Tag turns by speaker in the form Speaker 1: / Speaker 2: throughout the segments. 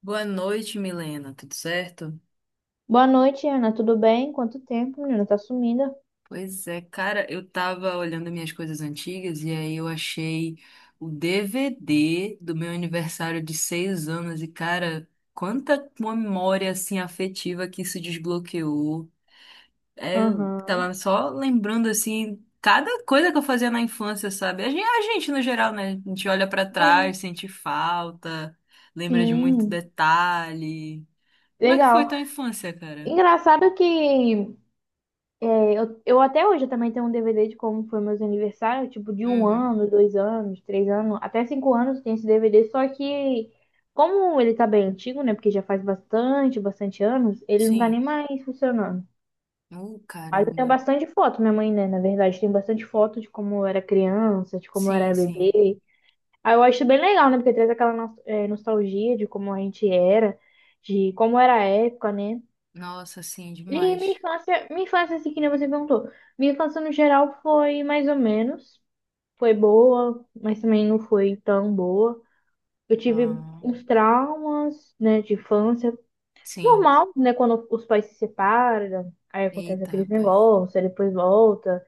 Speaker 1: Boa noite, Milena. Tudo certo?
Speaker 2: Boa noite, Ana. Tudo bem? Quanto tempo, menina? Tá sumida?
Speaker 1: Pois é, cara, eu tava olhando minhas coisas antigas e aí eu achei o DVD do meu aniversário de 6 anos e, cara, quanta memória assim afetiva que isso desbloqueou. É, eu
Speaker 2: Aham.
Speaker 1: tava só lembrando assim cada coisa que eu fazia na infância, sabe? A gente no geral, né? A gente olha pra
Speaker 2: Sim,
Speaker 1: trás, sente falta, lembra de muito
Speaker 2: sim.
Speaker 1: detalhe. Como é que foi
Speaker 2: Legal.
Speaker 1: tua infância, cara?
Speaker 2: Engraçado que eu até hoje também tenho um DVD de como foi meus aniversários, tipo de um
Speaker 1: Uhum.
Speaker 2: ano, dois anos, três anos, até cinco anos tem esse DVD, só que como ele tá bem antigo, né? Porque já faz bastante anos, ele não tá nem
Speaker 1: Sim.
Speaker 2: mais funcionando. Eu tenho
Speaker 1: Caramba.
Speaker 2: bastante foto, minha mãe, né? Na verdade, tem bastante foto de como eu era criança, de como eu
Speaker 1: Sim,
Speaker 2: era
Speaker 1: sim.
Speaker 2: bebê. Aí eu acho bem legal, né? Porque traz aquela nostalgia de como a gente era, de como era a época, né?
Speaker 1: Nossa, sim,
Speaker 2: E minha
Speaker 1: demais.
Speaker 2: infância, minha infância, assim, que nem você perguntou. Minha infância, no geral, foi mais ou menos. Foi boa, mas também não foi tão boa. Eu tive
Speaker 1: Ah,
Speaker 2: uns traumas, né, de infância.
Speaker 1: sim.
Speaker 2: Normal, né? Quando os pais se separam, aí acontece
Speaker 1: Eita,
Speaker 2: aqueles
Speaker 1: rapaz.
Speaker 2: negócios, aí depois volta.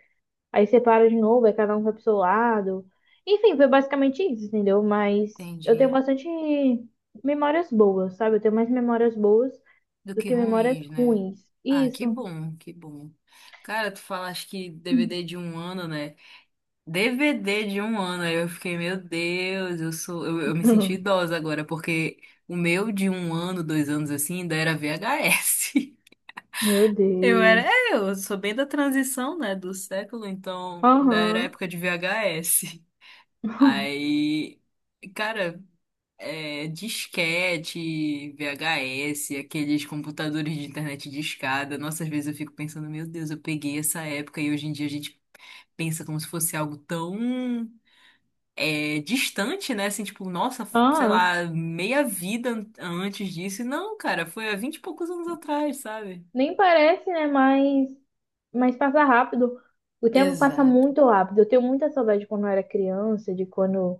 Speaker 2: Aí separa de novo, aí cada um vai pro seu lado. Enfim, foi basicamente isso, entendeu? Mas eu tenho
Speaker 1: Entendi.
Speaker 2: bastante memórias boas, sabe? Eu tenho mais memórias boas
Speaker 1: Do
Speaker 2: do
Speaker 1: que
Speaker 2: que memórias
Speaker 1: ruins, né?
Speaker 2: ruins.
Speaker 1: Ah, que
Speaker 2: Isso.
Speaker 1: bom, que bom. Cara, tu falaste que DVD de um ano, né? DVD de um ano. Aí eu fiquei, meu Deus, eu sou. Eu me senti idosa agora, porque o meu de um ano, dois anos assim, ainda era VHS.
Speaker 2: Meu
Speaker 1: Eu era,
Speaker 2: Deus.
Speaker 1: é, eu sou bem da transição, né, do século, então, da era
Speaker 2: Aham.
Speaker 1: época de VHS. Aí, cara, disquete, VHS, aqueles computadores de internet discada. Nossa, às vezes eu fico pensando, meu Deus, eu peguei essa época e hoje em dia a gente pensa como se fosse algo tão distante, né? Assim, tipo, nossa, sei
Speaker 2: Ah,
Speaker 1: lá, meia vida antes disso. E não, cara, foi há vinte e poucos anos atrás, sabe?
Speaker 2: nem parece, né? Mas passa rápido. O tempo passa
Speaker 1: Exato.
Speaker 2: muito rápido. Eu tenho muita saudade de quando eu era criança, de quando,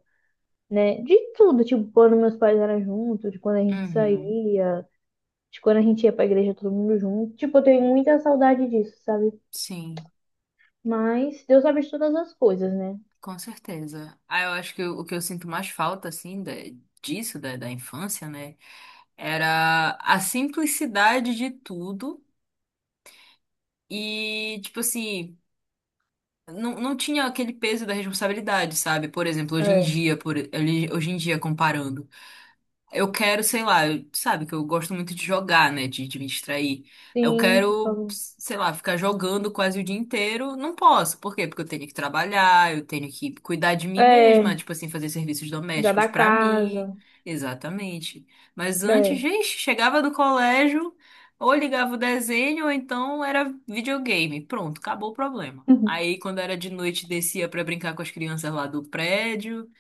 Speaker 2: né? De tudo, tipo, quando meus pais eram juntos, de quando a gente
Speaker 1: Uhum,
Speaker 2: saía, de quando a gente ia pra igreja todo mundo junto. Tipo, eu tenho muita saudade disso, sabe?
Speaker 1: sim,
Speaker 2: Mas Deus sabe de todas as coisas, né?
Speaker 1: com certeza. Ah, eu acho que o que eu sinto mais falta, assim, disso, da infância, né? Era a simplicidade de tudo e, tipo assim, não, não tinha aquele peso da responsabilidade, sabe? Por exemplo, hoje em
Speaker 2: É.
Speaker 1: dia, hoje em dia comparando. Eu quero, sei lá, sabe que eu gosto muito de jogar, né? De me distrair. Eu
Speaker 2: Sim, se
Speaker 1: quero,
Speaker 2: falou.
Speaker 1: sei lá, ficar jogando quase o dia inteiro. Não posso. Por quê? Porque eu tenho que trabalhar, eu tenho que cuidar de mim
Speaker 2: É,
Speaker 1: mesma, tipo assim, fazer serviços
Speaker 2: cuidar
Speaker 1: domésticos
Speaker 2: da
Speaker 1: pra mim.
Speaker 2: casa.
Speaker 1: Exatamente. Mas antes,
Speaker 2: É.
Speaker 1: gente, chegava do colégio, ou ligava o desenho, ou então era videogame. Pronto, acabou o problema. Aí, quando era de noite, descia pra brincar com as crianças lá do prédio.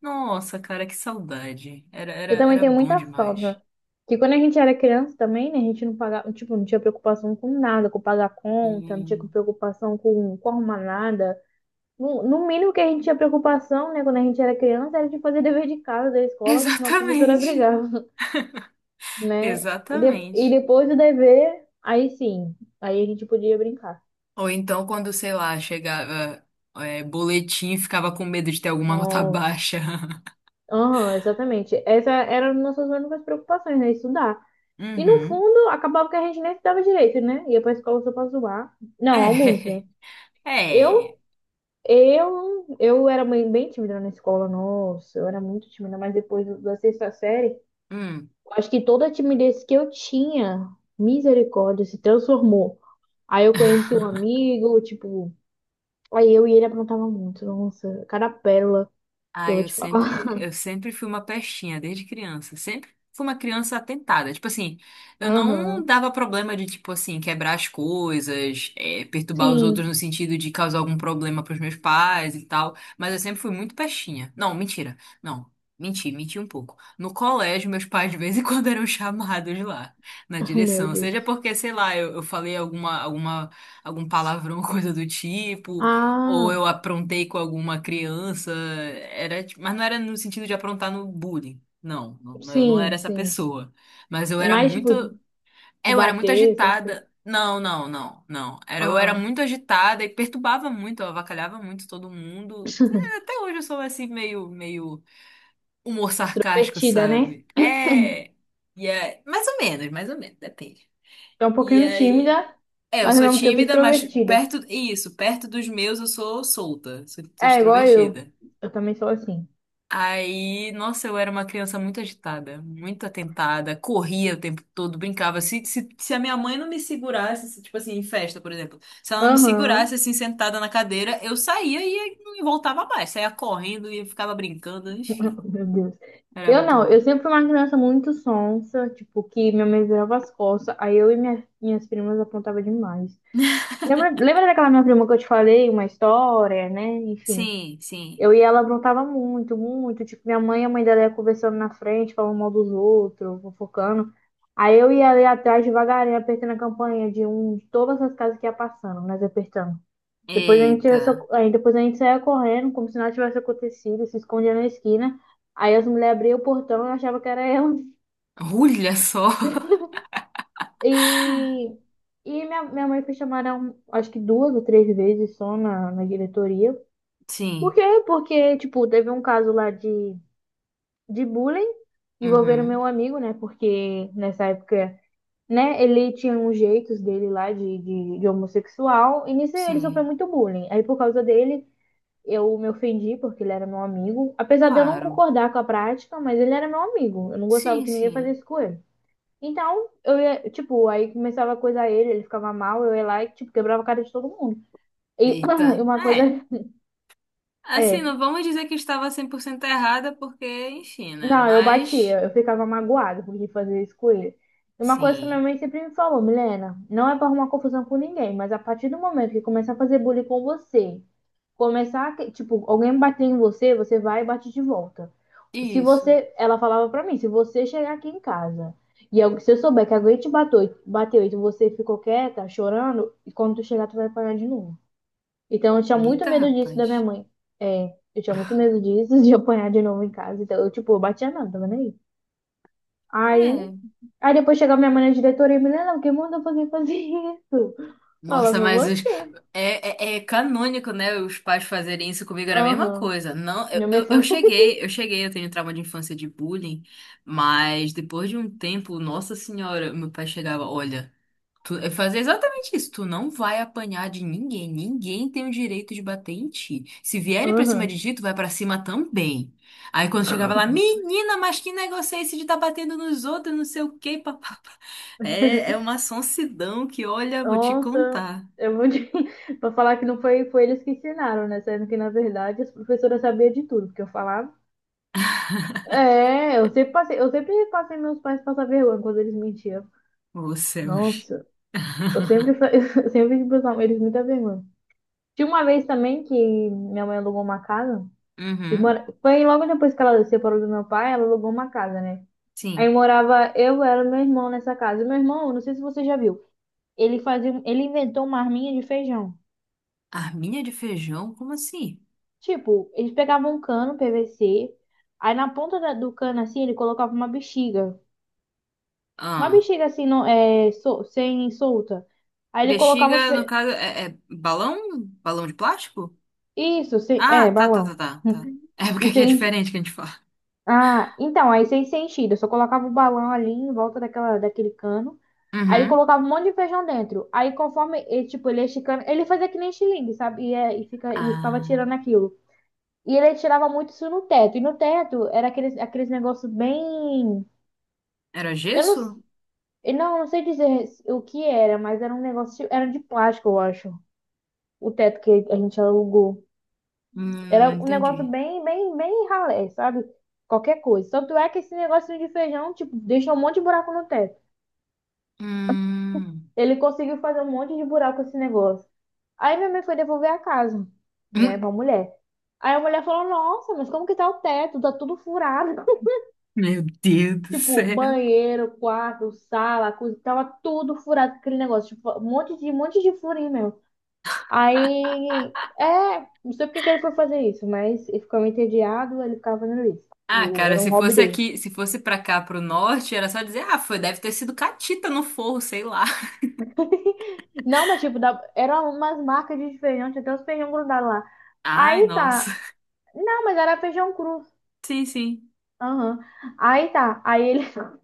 Speaker 1: Nossa, cara, que saudade. Era, era,
Speaker 2: Eu também
Speaker 1: era
Speaker 2: tenho
Speaker 1: bom
Speaker 2: muita
Speaker 1: demais.
Speaker 2: falta. Que quando a gente era criança também, né, a gente não pagava, tipo, não tinha preocupação com nada, com pagar conta, não tinha
Speaker 1: Hum.
Speaker 2: preocupação com arrumar nada. No mínimo que a gente tinha preocupação, né, quando a gente era criança, era de fazer dever de casa, da escola, que senão a professora
Speaker 1: Exatamente.
Speaker 2: brigava, né? E
Speaker 1: Exatamente.
Speaker 2: depois do dever, aí sim, aí a gente podia brincar.
Speaker 1: Ou então, quando, sei lá, chegava, boletim, ficava com medo de ter alguma nota
Speaker 2: Nossa.
Speaker 1: baixa.
Speaker 2: Aham, exatamente. Essa era uma das nossas únicas preocupações, né? Estudar. E no
Speaker 1: Uhum.
Speaker 2: fundo, acabava que a gente nem estudava direito, né? Ia pra escola só pra zoar. Não, alguns, né?
Speaker 1: É,
Speaker 2: Eu,
Speaker 1: é.
Speaker 2: eu era bem tímida na escola, nossa, eu era muito tímida, mas depois da sexta série,
Speaker 1: Hum.
Speaker 2: acho que toda a timidez que eu tinha, misericórdia, se transformou. Aí eu conheci um amigo, tipo, aí eu e ele aprontava muito, nossa, cada pérola que eu
Speaker 1: Ah,
Speaker 2: vou
Speaker 1: eu
Speaker 2: te falar.
Speaker 1: sempre, eu sempre fui uma pestinha, desde criança. Sempre fui uma criança atentada. Tipo assim, eu não
Speaker 2: Aham,
Speaker 1: dava problema de, tipo assim, quebrar as coisas, perturbar os outros no
Speaker 2: sim,
Speaker 1: sentido de causar algum problema pros meus pais e tal. Mas eu sempre fui muito pestinha. Não, mentira. Não, menti um pouco. No colégio, meus pais de vez em quando eram chamados lá, na
Speaker 2: ah, meu
Speaker 1: direção. Seja
Speaker 2: Deus.
Speaker 1: porque, sei lá, eu falei algum palavrão, coisa do tipo ou
Speaker 2: Ah,
Speaker 1: eu aprontei com alguma criança, mas não era no sentido de aprontar no bullying. Não, não, eu não
Speaker 2: sim,
Speaker 1: era essa
Speaker 2: sim.
Speaker 1: pessoa. Mas eu
Speaker 2: É
Speaker 1: era
Speaker 2: mais
Speaker 1: muito,
Speaker 2: tipo de
Speaker 1: eu era muito
Speaker 2: bater, essas coisas.
Speaker 1: agitada. Não, não, não, não. Eu era
Speaker 2: Ah,
Speaker 1: muito agitada e perturbava muito, eu avacalhava muito todo mundo. É, até hoje eu sou assim meio humor sarcástico,
Speaker 2: extrovertida, né?
Speaker 1: sabe? É, e é, mais ou menos, depende.
Speaker 2: É um
Speaker 1: E
Speaker 2: pouquinho tímida,
Speaker 1: aí eu
Speaker 2: mas ao
Speaker 1: sou
Speaker 2: mesmo tempo
Speaker 1: tímida, mas
Speaker 2: extrovertida.
Speaker 1: perto, isso, perto dos meus eu sou solta, sou
Speaker 2: É, igual eu.
Speaker 1: extrovertida.
Speaker 2: Eu também sou assim.
Speaker 1: Aí, nossa, eu era uma criança muito agitada, muito atentada, corria o tempo todo, brincava. Se a minha mãe não me segurasse, se, tipo assim, em festa, por exemplo, se ela não me
Speaker 2: Aham,
Speaker 1: segurasse assim, sentada na cadeira, eu saía e não voltava mais, saía correndo e ficava brincando, enfim,
Speaker 2: Meu Deus.
Speaker 1: era
Speaker 2: Eu
Speaker 1: muito
Speaker 2: não,
Speaker 1: bom.
Speaker 2: eu sempre fui uma criança muito sonsa, tipo, que minha mãe virava as costas, aí eu e minhas primas apontava demais. Lembra daquela minha prima que eu te falei, uma história, né? Enfim.
Speaker 1: Sim, sim.
Speaker 2: Eu e ela aprontava muito. Tipo, minha mãe e a mãe dela ia conversando na frente, falando mal dos outros, fofocando. Aí eu ia ali atrás devagarinho, apertando a campainha de um de todas as casas que ia passando, nós apertando. Depois a gente,
Speaker 1: Eita,
Speaker 2: aí depois a gente saía correndo, como se nada tivesse acontecido, se escondia na esquina. Aí as mulheres abriam o portão e achavam que era ela.
Speaker 1: olha só.
Speaker 2: E, e minha mãe foi chamada, acho que duas ou três vezes só na diretoria. Por
Speaker 1: Sim,
Speaker 2: quê? Porque, tipo, teve um caso lá de bullying envolvendo
Speaker 1: uhum,
Speaker 2: meu amigo, né? Porque nessa época, né, ele tinha uns jeitos dele lá de homossexual. E nisso ele sofreu
Speaker 1: sim,
Speaker 2: muito bullying. Aí por causa dele, eu me ofendi porque ele era meu amigo. Apesar de eu não
Speaker 1: claro.
Speaker 2: concordar com a prática, mas ele era meu amigo. Eu não gostava
Speaker 1: Sim,
Speaker 2: que ninguém fazia
Speaker 1: sim.
Speaker 2: isso com ele. Então, eu ia, tipo, aí começava a coisar ele, ele ficava mal, eu ia lá e, tipo, quebrava a cara de todo mundo. E
Speaker 1: Eita.
Speaker 2: e uma coisa
Speaker 1: É. Assim, não
Speaker 2: é,
Speaker 1: vamos dizer que estava 100% errada, porque, enfim, né?
Speaker 2: não, eu
Speaker 1: Mas,
Speaker 2: batia, eu ficava magoada porque fazia isso com ele. E uma coisa que minha
Speaker 1: sim.
Speaker 2: mãe sempre me falou, Milena, não é pra arrumar confusão com ninguém, mas a partir do momento que começar a fazer bullying com você, começar, tipo, alguém bater em você, você vai e bate de volta. Se
Speaker 1: Isso.
Speaker 2: você, ela falava pra mim, se você chegar aqui em casa e se eu souber que alguém te bateu, bateu e você ficou quieta, chorando, e quando tu chegar, tu vai apanhar de novo. Então eu tinha muito
Speaker 1: Eita,
Speaker 2: medo disso da minha
Speaker 1: rapaz.
Speaker 2: mãe. É, eu tinha muito medo disso, de apanhar de novo em casa. Então eu, tipo, eu batia nada, tava nem aí. Aí,
Speaker 1: É.
Speaker 2: aí depois chegava minha mãe na diretoria e me não, quem mandou você fazer isso? Ela
Speaker 1: Nossa,
Speaker 2: foi
Speaker 1: mas os...
Speaker 2: você.
Speaker 1: é canônico, né? Os pais fazerem isso comigo era a mesma
Speaker 2: Aham.
Speaker 1: coisa. Não,
Speaker 2: Minha mãe fala:
Speaker 1: eu tenho trauma de infância de bullying, mas depois de um tempo, nossa senhora, meu pai chegava, olha. É fazer exatamente isso. Tu não vai apanhar de ninguém. Ninguém tem o direito de bater em ti. Se vierem pra cima
Speaker 2: aham.
Speaker 1: de ti, tu vai pra cima também. Aí quando chegava lá, menina, mas que negócio é esse de tá batendo nos outros, não sei o quê, papapá. É, é uma sonsidão que, olha, vou te
Speaker 2: Nossa,
Speaker 1: contar.
Speaker 2: eu vou te... pra falar que não foi, foi eles que ensinaram, né? Sendo que, na verdade, as professoras sabiam de tudo, porque eu falava. É, eu sempre passei meus pais passar vergonha quando eles mentiam.
Speaker 1: Ô, céus.
Speaker 2: Nossa. Eu sempre, eu sempre fiz pros eles muita vergonha. Tinha uma vez também que minha mãe alugou uma casa. E
Speaker 1: Uhum,
Speaker 2: foi logo depois que ela se separou do meu pai, ela alugou uma casa, né? Aí
Speaker 1: sim.
Speaker 2: morava eu, ela e meu irmão nessa casa. E meu irmão, não sei se você já viu, ele inventou uma arminha de feijão.
Speaker 1: Arminha de feijão? Como assim?
Speaker 2: Tipo, eles pegavam um cano PVC, aí na ponta do cano assim, ele colocava uma bexiga. Uma
Speaker 1: Ah,
Speaker 2: bexiga assim, sem solta. Aí ele colocava
Speaker 1: bexiga, no caso, é balão? Balão de plástico?
Speaker 2: isso, sem...
Speaker 1: Ah,
Speaker 2: é,
Speaker 1: tá, tá, tá,
Speaker 2: balão.
Speaker 1: tá, tá. É porque
Speaker 2: E
Speaker 1: aqui é
Speaker 2: sem,
Speaker 1: diferente que a gente fala.
Speaker 2: ah, então, aí sem sentido. Eu só colocava o balão ali em volta daquele cano. Aí ele
Speaker 1: Uhum.
Speaker 2: colocava um monte de feijão dentro. Aí conforme ele, tipo, ele ia esticando, ele fazia que nem xilingue, sabe? E ficava
Speaker 1: Ah,
Speaker 2: tirando aquilo. E ele tirava muito isso no teto. E no teto era aqueles negócios bem.
Speaker 1: era
Speaker 2: Eu não,
Speaker 1: gesso?
Speaker 2: s- eu não, não sei dizer o que era, mas era um negócio. Era de plástico, eu acho. O teto que a gente alugou. Era
Speaker 1: Não
Speaker 2: um negócio
Speaker 1: entendi.
Speaker 2: bem ralé, sabe? Qualquer coisa. Tanto é que esse negocinho de feijão, tipo, deixou um monte de buraco no teto.
Speaker 1: Hum.
Speaker 2: Ele conseguiu fazer um monte de buraco esse negócio. Aí minha mãe foi devolver a casa, né,
Speaker 1: Hum.
Speaker 2: pra mulher. Aí a mulher falou: nossa, mas como que tá o teto? Tá tudo furado.
Speaker 1: Meu Deus do
Speaker 2: Tipo,
Speaker 1: céu.
Speaker 2: banheiro, quarto, sala, coisa, tava tudo furado aquele negócio. Tipo, um monte de furinho mesmo. Aí, é, não sei porque que ele foi fazer isso, mas ele ficou entediado, ele ficava fazendo isso.
Speaker 1: Ah, cara,
Speaker 2: Era um
Speaker 1: se
Speaker 2: hobby
Speaker 1: fosse
Speaker 2: dele.
Speaker 1: aqui, se fosse pra cá, pro norte, era só dizer, ah, foi, deve ter sido catita no forro, sei lá.
Speaker 2: Não, mas tipo, da, era umas marcas de feijão, tinha até uns feijão grudado lá.
Speaker 1: Ai,
Speaker 2: Aí
Speaker 1: nossa.
Speaker 2: tá, não, mas era feijão cru.
Speaker 1: Sim, sim.
Speaker 2: Aham. Aí tá, aí ele,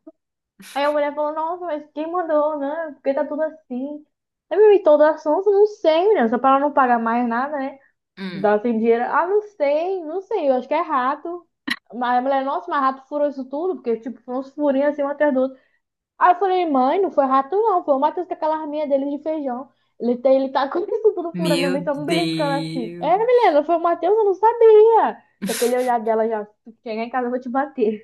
Speaker 2: aí a mulher falou, nossa, mas quem mandou, né? Porque tá tudo assim. Eu me toda assunto, não sei, menina, só pra ela não pagar mais nada, né?
Speaker 1: Hum.
Speaker 2: Dá sem dinheiro. Ah, não sei, não sei, eu acho que é rato. Mas a mulher, nossa, mas rato furou isso tudo, porque, tipo, foram uns furinhos assim, um atrás do outro. Aí eu falei, mãe, não foi rato não, foi o Matheus com aquela arminha dele de feijão. Ele tá com isso tudo furado, minha
Speaker 1: Meu
Speaker 2: mãe tá me beliscando assim. É, menina,
Speaker 1: Deus.
Speaker 2: foi o Matheus, eu não sabia. Com aquele olhar dela já, se chegar em casa eu vou te bater.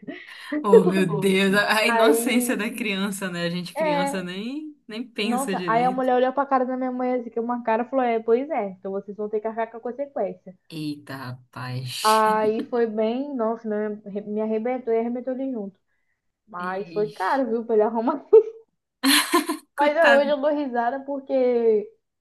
Speaker 1: Oh, meu Deus, a
Speaker 2: Aí,
Speaker 1: inocência da criança, né? A gente criança
Speaker 2: é,
Speaker 1: nem pensa
Speaker 2: nossa, aí a
Speaker 1: direito.
Speaker 2: mulher olhou pra cara da minha mãe assim, que uma cara e falou, é, pois é, então vocês vão ter que arcar com a consequência.
Speaker 1: Eita, rapaz.
Speaker 2: Aí foi bem, nossa, me arrebentou e arrebentou ele junto. Mas foi
Speaker 1: Ixi.
Speaker 2: caro, viu, pra ele arrumar. Mas é, hoje
Speaker 1: Coitado.
Speaker 2: eu dou risada porque,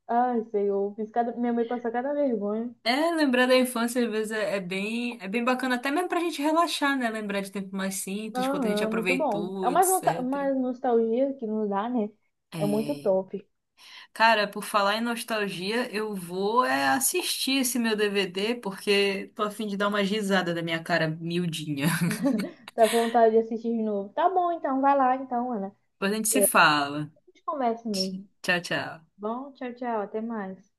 Speaker 2: ai, Senhor, fiz cada... minha mãe passou cada vergonha.
Speaker 1: É, lembrar da infância às vezes é bem bacana, até mesmo pra gente relaxar, né? Lembrar de tempos mais simples, quanto a gente
Speaker 2: Aham, muito bom.
Speaker 1: aproveitou,
Speaker 2: É mais
Speaker 1: etc.
Speaker 2: mais nostalgia que nos dá, né? É muito
Speaker 1: É.
Speaker 2: top.
Speaker 1: Cara, por falar em nostalgia, eu vou é assistir esse meu DVD, porque tô a fim de dar uma risada da minha cara miudinha.
Speaker 2: Tá com vontade de assistir de novo. Tá bom, então, vai lá, então, Ana.
Speaker 1: Depois a gente se fala.
Speaker 2: A gente conversa mesmo.
Speaker 1: Tchau, tchau.
Speaker 2: Bom, tchau, tchau, até mais.